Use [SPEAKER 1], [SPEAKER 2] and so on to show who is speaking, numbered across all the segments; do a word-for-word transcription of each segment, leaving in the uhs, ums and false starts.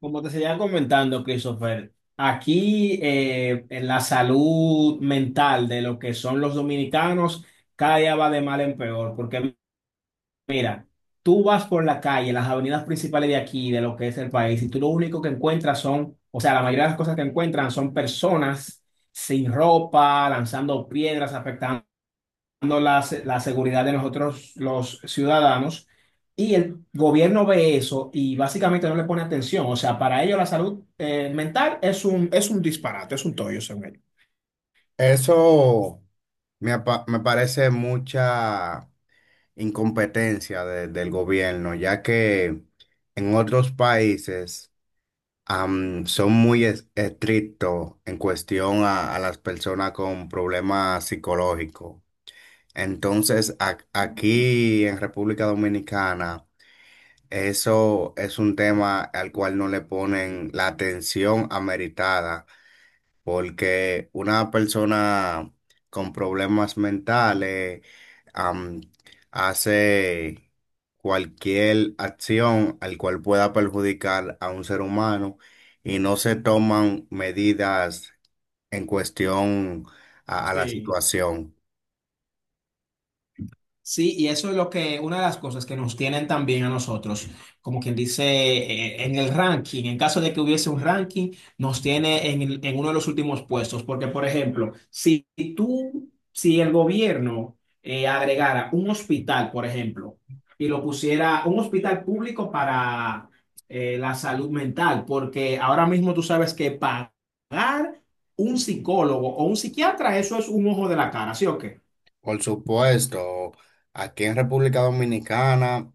[SPEAKER 1] Como te seguía comentando, Christopher, aquí eh, en la salud mental de lo que son los dominicanos, cada día va de mal en peor, porque mira, tú vas por la calle, las avenidas principales de aquí, de lo que es el país, y tú lo único que encuentras son, o sea, la mayoría de las cosas que encuentran son personas sin ropa, lanzando piedras, afectando la, se- la seguridad de nosotros los ciudadanos y el gobierno ve eso y básicamente no le pone atención. O sea, para ellos la salud eh, mental es un, es un disparate, es un tollo, según ellos.
[SPEAKER 2] Eso me, apa- me parece mucha incompetencia de- del gobierno, ya que en otros países am, son muy es- estrictos en cuestión a, a las personas con problemas psicológicos. Entonces, ac- aquí en República Dominicana, eso es un tema al cual no le ponen la atención ameritada porque una persona con problemas mentales am, hace cualquier acción al cual pueda perjudicar a un ser humano y no se toman medidas en cuestión a, a la
[SPEAKER 1] Sí.
[SPEAKER 2] situación.
[SPEAKER 1] Sí, y eso es lo que, una de las cosas que nos tienen también a nosotros, como quien dice, eh, en el ranking, en caso de que hubiese un ranking, nos tiene en, el- en uno de los últimos puestos, porque por ejemplo, si tú, si el gobierno eh, agregara un hospital, por ejemplo, y lo pusiera un hospital público para eh, la salud mental, porque ahora mismo tú sabes que pagar un psicólogo o un psiquiatra, eso es un ojo de la cara, ¿sí o qué?
[SPEAKER 2] Por supuesto, aquí en República Dominicana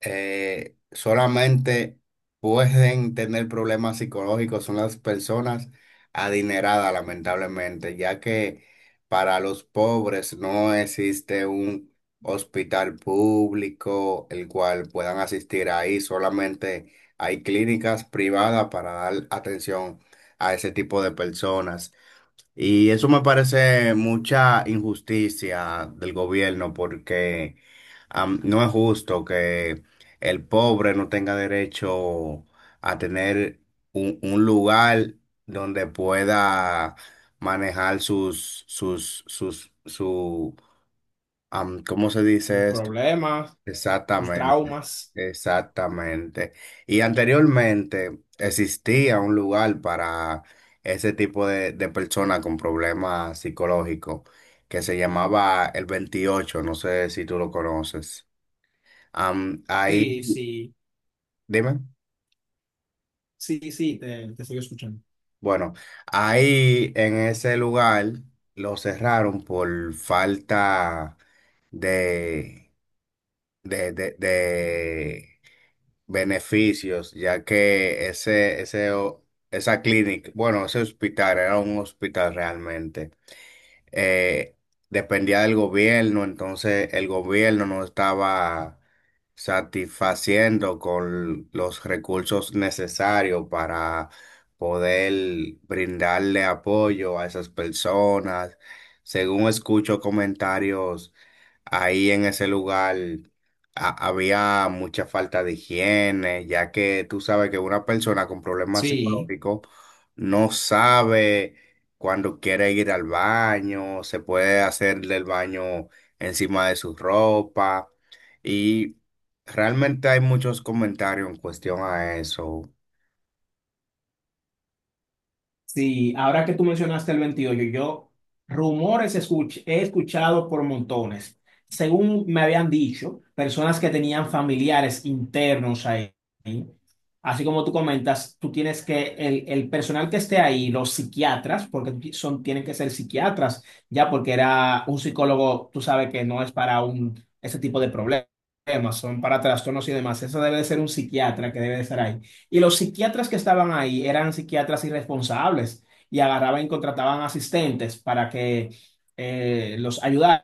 [SPEAKER 2] eh, solamente pueden tener problemas psicológicos son las personas adineradas, lamentablemente, ya que para los pobres no existe un hospital público el cual puedan asistir ahí, solamente hay clínicas privadas para dar atención a ese tipo de personas. Y eso me parece mucha injusticia del gobierno porque am, no es justo que el pobre no tenga derecho a tener un, un lugar donde pueda manejar sus, sus, sus, su, am, ¿cómo se
[SPEAKER 1] Un
[SPEAKER 2] dice esto?
[SPEAKER 1] problema. Sus
[SPEAKER 2] Exactamente,
[SPEAKER 1] traumas.
[SPEAKER 2] exactamente. Y anteriormente existía un lugar para ese tipo de, de personas con problemas psicológicos que se llamaba el veintiocho. No sé si tú lo conoces. Am,
[SPEAKER 1] Sí,
[SPEAKER 2] ahí,
[SPEAKER 1] sí,
[SPEAKER 2] dime,
[SPEAKER 1] sí, sí, te, te estoy escuchando.
[SPEAKER 2] bueno, ahí en ese lugar lo cerraron por falta de, de, de, de beneficios, ya que ese, ese, o- esa clínica, bueno, ese hospital era un hospital realmente eh, dependía del gobierno, entonces el gobierno no estaba satisfaciendo con los recursos necesarios para poder brindarle apoyo a esas personas. Según escucho comentarios, ahí en ese lugar ha- había mucha falta de higiene, ya que tú sabes que una persona con problemas
[SPEAKER 1] Sí.
[SPEAKER 2] psicológicos no sabe cuando quiere ir al baño, se puede hacerle el baño encima de su ropa. Y realmente hay muchos comentarios en cuestión a eso.
[SPEAKER 1] Sí, ahora que tú mencionaste el veintiocho, yo rumores escuch- he escuchado por montones. Según me habían dicho, personas que tenían familiares internos ahí, así como tú comentas, tú tienes que, el, el personal que esté ahí, los psiquiatras, porque son, tienen que ser psiquiatras, ya porque era un psicólogo, tú sabes que no es para un, ese tipo de problemas, son para trastornos y demás. Eso debe de ser un psiquiatra que debe de estar ahí. Y los psiquiatras que estaban ahí eran psiquiatras irresponsables y agarraban y contrataban asistentes para que eh, los ayudaran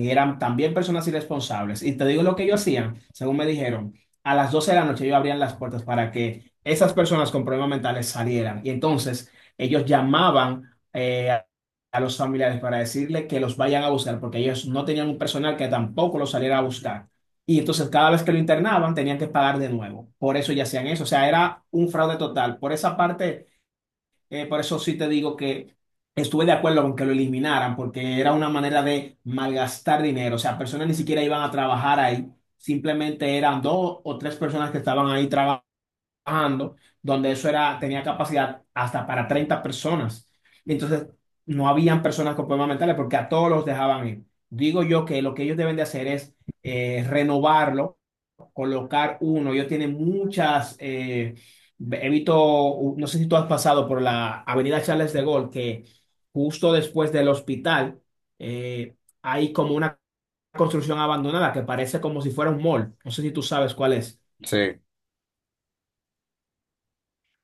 [SPEAKER 1] y eran también personas irresponsables. Y te digo lo que ellos hacían, según me dijeron, a las doce de la noche ellos abrían las puertas para que esas personas con problemas mentales salieran. Y entonces ellos llamaban eh, a a los familiares para decirle que los vayan a buscar porque ellos no tenían un personal que tampoco los saliera a buscar. Y entonces cada vez que lo internaban tenían que pagar de nuevo. Por eso ya hacían eso. O sea, era un fraude total. Por esa parte, eh, por eso sí te digo que estuve de acuerdo con que lo eliminaran, porque era una manera de malgastar dinero. O sea, personas ni siquiera iban a trabajar ahí. Simplemente eran dos o tres personas que estaban ahí trabajando, donde eso era, tenía capacidad hasta para treinta personas. Entonces, no habían personas con problemas mentales porque a todos los dejaban ir. Digo yo que lo que ellos deben de hacer es eh, renovarlo, colocar uno. Ellos tienen muchas, eh, he visto, no sé si tú has pasado por la Avenida Charles de Gaulle, que justo después del hospital eh, hay como una construcción abandonada que parece como si fuera un mall. No sé si tú sabes cuál es.
[SPEAKER 2] Sí,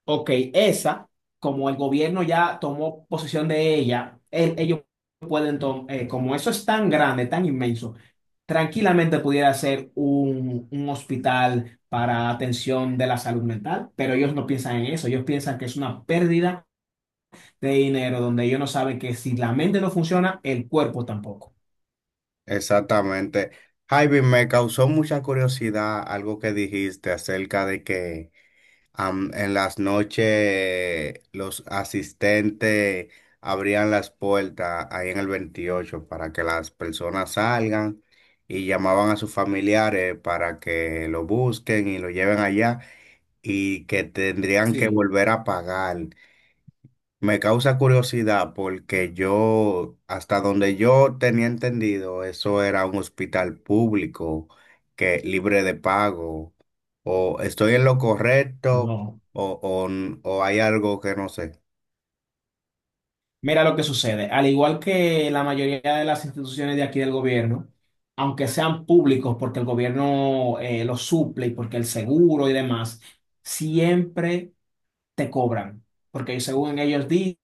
[SPEAKER 1] Ok, esa, como el gobierno ya tomó posesión de ella, el- ellos pueden, tom- eh, como eso es tan grande, tan inmenso, tranquilamente pudiera ser un, un hospital para atención de la salud mental, pero ellos no piensan en eso, ellos piensan que es una pérdida de dinero donde ellos no saben que si la mente no funciona, el cuerpo tampoco.
[SPEAKER 2] exactamente. Javi, me causó mucha curiosidad algo que dijiste acerca de que Am- en las noches los asistentes abrían las puertas ahí en el veintiocho para que las personas salgan y llamaban a sus familiares para que lo busquen y lo lleven allá y que tendrían que
[SPEAKER 1] Sí,
[SPEAKER 2] volver a pagar. Me causa curiosidad porque yo, hasta donde yo tenía entendido, eso era un hospital público que libre de pago. ¿O estoy en lo correcto
[SPEAKER 1] no.
[SPEAKER 2] o, o, n- o hay algo que no sé?
[SPEAKER 1] Mira lo que sucede. Al igual que la mayoría de las instituciones de aquí del gobierno, aunque sean públicos porque el gobierno eh, los suple y porque el seguro y demás, siempre te cobran. Porque según ellos di-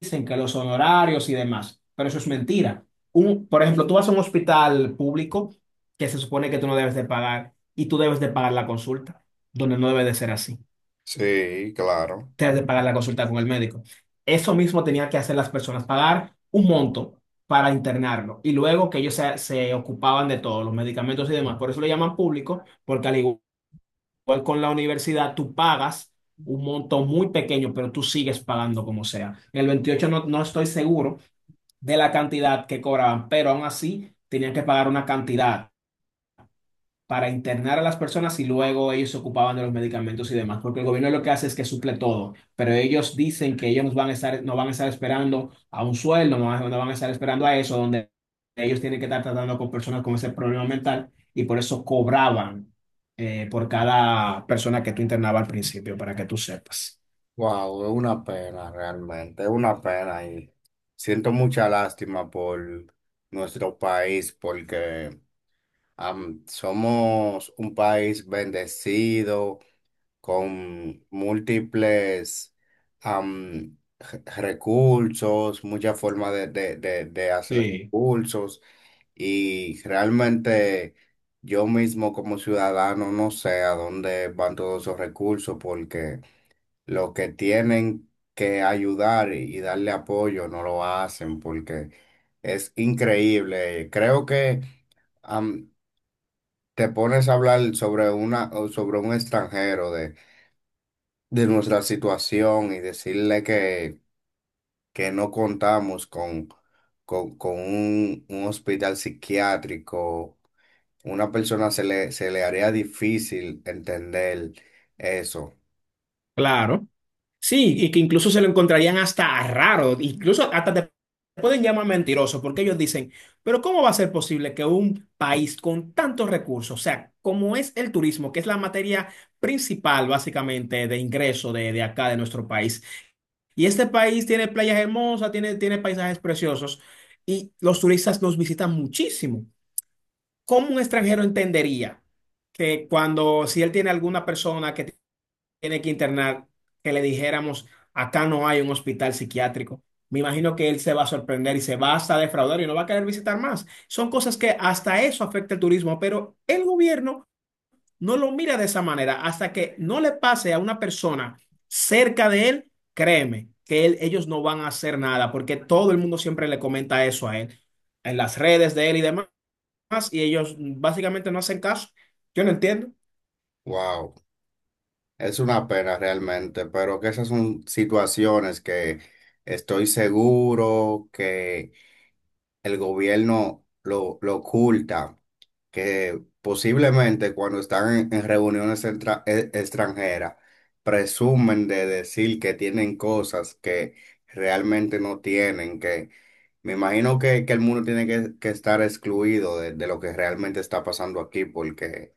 [SPEAKER 1] dicen que los honorarios y demás, pero eso es mentira. Un, por ejemplo, tú vas a un hospital público que se supone que tú no debes de pagar y tú debes de pagar la consulta, donde no debe de ser así,
[SPEAKER 2] Sí, claro.
[SPEAKER 1] te has de pagar la consulta con el médico. Eso mismo tenía que hacer las personas, pagar un monto para internarlo y luego que ellos se, se ocupaban de todos los medicamentos y demás. Por eso lo llaman público, porque al igual con la universidad, tú pagas un monto muy pequeño, pero tú sigues pagando como sea. En el veintiocho no, no estoy seguro de la cantidad que cobraban, pero aún así tenían que pagar una cantidad para internar a las personas y luego ellos se ocupaban de los medicamentos y demás, porque el gobierno lo que hace es que suple todo, pero ellos dicen que ellos van a estar, no van a estar esperando a un sueldo, no van, no van a estar esperando a eso, donde ellos tienen que estar tratando con personas con ese problema mental y por eso cobraban eh, por cada persona que tú internabas al principio, para que tú sepas.
[SPEAKER 2] Wow, es una pena realmente, es una pena y siento mucha lástima por nuestro país porque am, somos un país bendecido, con múltiples am, re- recursos, muchas formas de, de, de, de hacer
[SPEAKER 1] Sí.
[SPEAKER 2] recursos y realmente yo mismo como ciudadano no sé a dónde van todos esos recursos porque lo que tienen que ayudar y y darle apoyo no lo hacen porque es increíble. Creo que am, te pones a hablar sobre una, sobre un extranjero de de nuestra situación y decirle que, que no contamos con, con, con un, un hospital psiquiátrico, una persona se le, se le haría difícil entender eso.
[SPEAKER 1] Claro. Sí, y que incluso se lo encontrarían hasta raro, incluso hasta te pueden llamar mentiroso, porque ellos dicen, pero ¿cómo va a ser posible que un país con tantos recursos, o sea, como es el turismo, que es la materia principal básicamente de ingreso de, de acá, de nuestro país, y este país tiene playas hermosas, tiene, tiene paisajes preciosos, y los turistas nos visitan muchísimo, ¿cómo un extranjero entendería que cuando si él tiene alguna persona que tiene que internar, que le dijéramos, acá no hay un hospital psiquiátrico? Me imagino que él se va a sorprender y se va hasta a defraudar y no va a querer visitar más. Son cosas que hasta eso afecta el turismo, pero el gobierno no lo mira de esa manera. Hasta que no le pase a una persona cerca de él, créeme que él- ellos no van a hacer nada, porque todo el mundo siempre le comenta eso a él, en las redes de él y demás, y ellos básicamente no hacen caso. Yo no entiendo.
[SPEAKER 2] Wow, es una pena realmente, pero que esas son situaciones que estoy seguro que el gobierno lo, lo oculta, que posiblemente cuando están en, en reuniones entra- e- extranjeras presumen de decir que tienen cosas que realmente no tienen, que me imagino que, que el mundo tiene que, que estar excluido de, de lo que realmente está pasando aquí, porque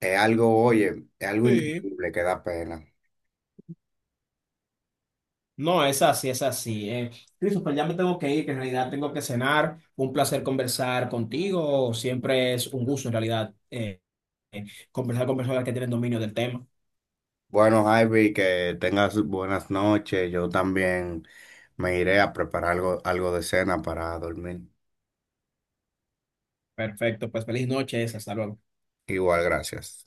[SPEAKER 2] es algo, oye, es algo
[SPEAKER 1] Sí,
[SPEAKER 2] increíble que da pena.
[SPEAKER 1] no, es así, es así. Eh, Christopher, ya me tengo que ir, que en realidad tengo que cenar. Un placer conversar contigo. Siempre es un gusto, en realidad, eh, eh, conversar con personas que tienen dominio del tema.
[SPEAKER 2] Bueno, Javi, que tengas buenas noches. Yo también me iré a preparar algo, algo de cena para dormir.
[SPEAKER 1] Perfecto, pues feliz noches, hasta luego.
[SPEAKER 2] Igual, gracias.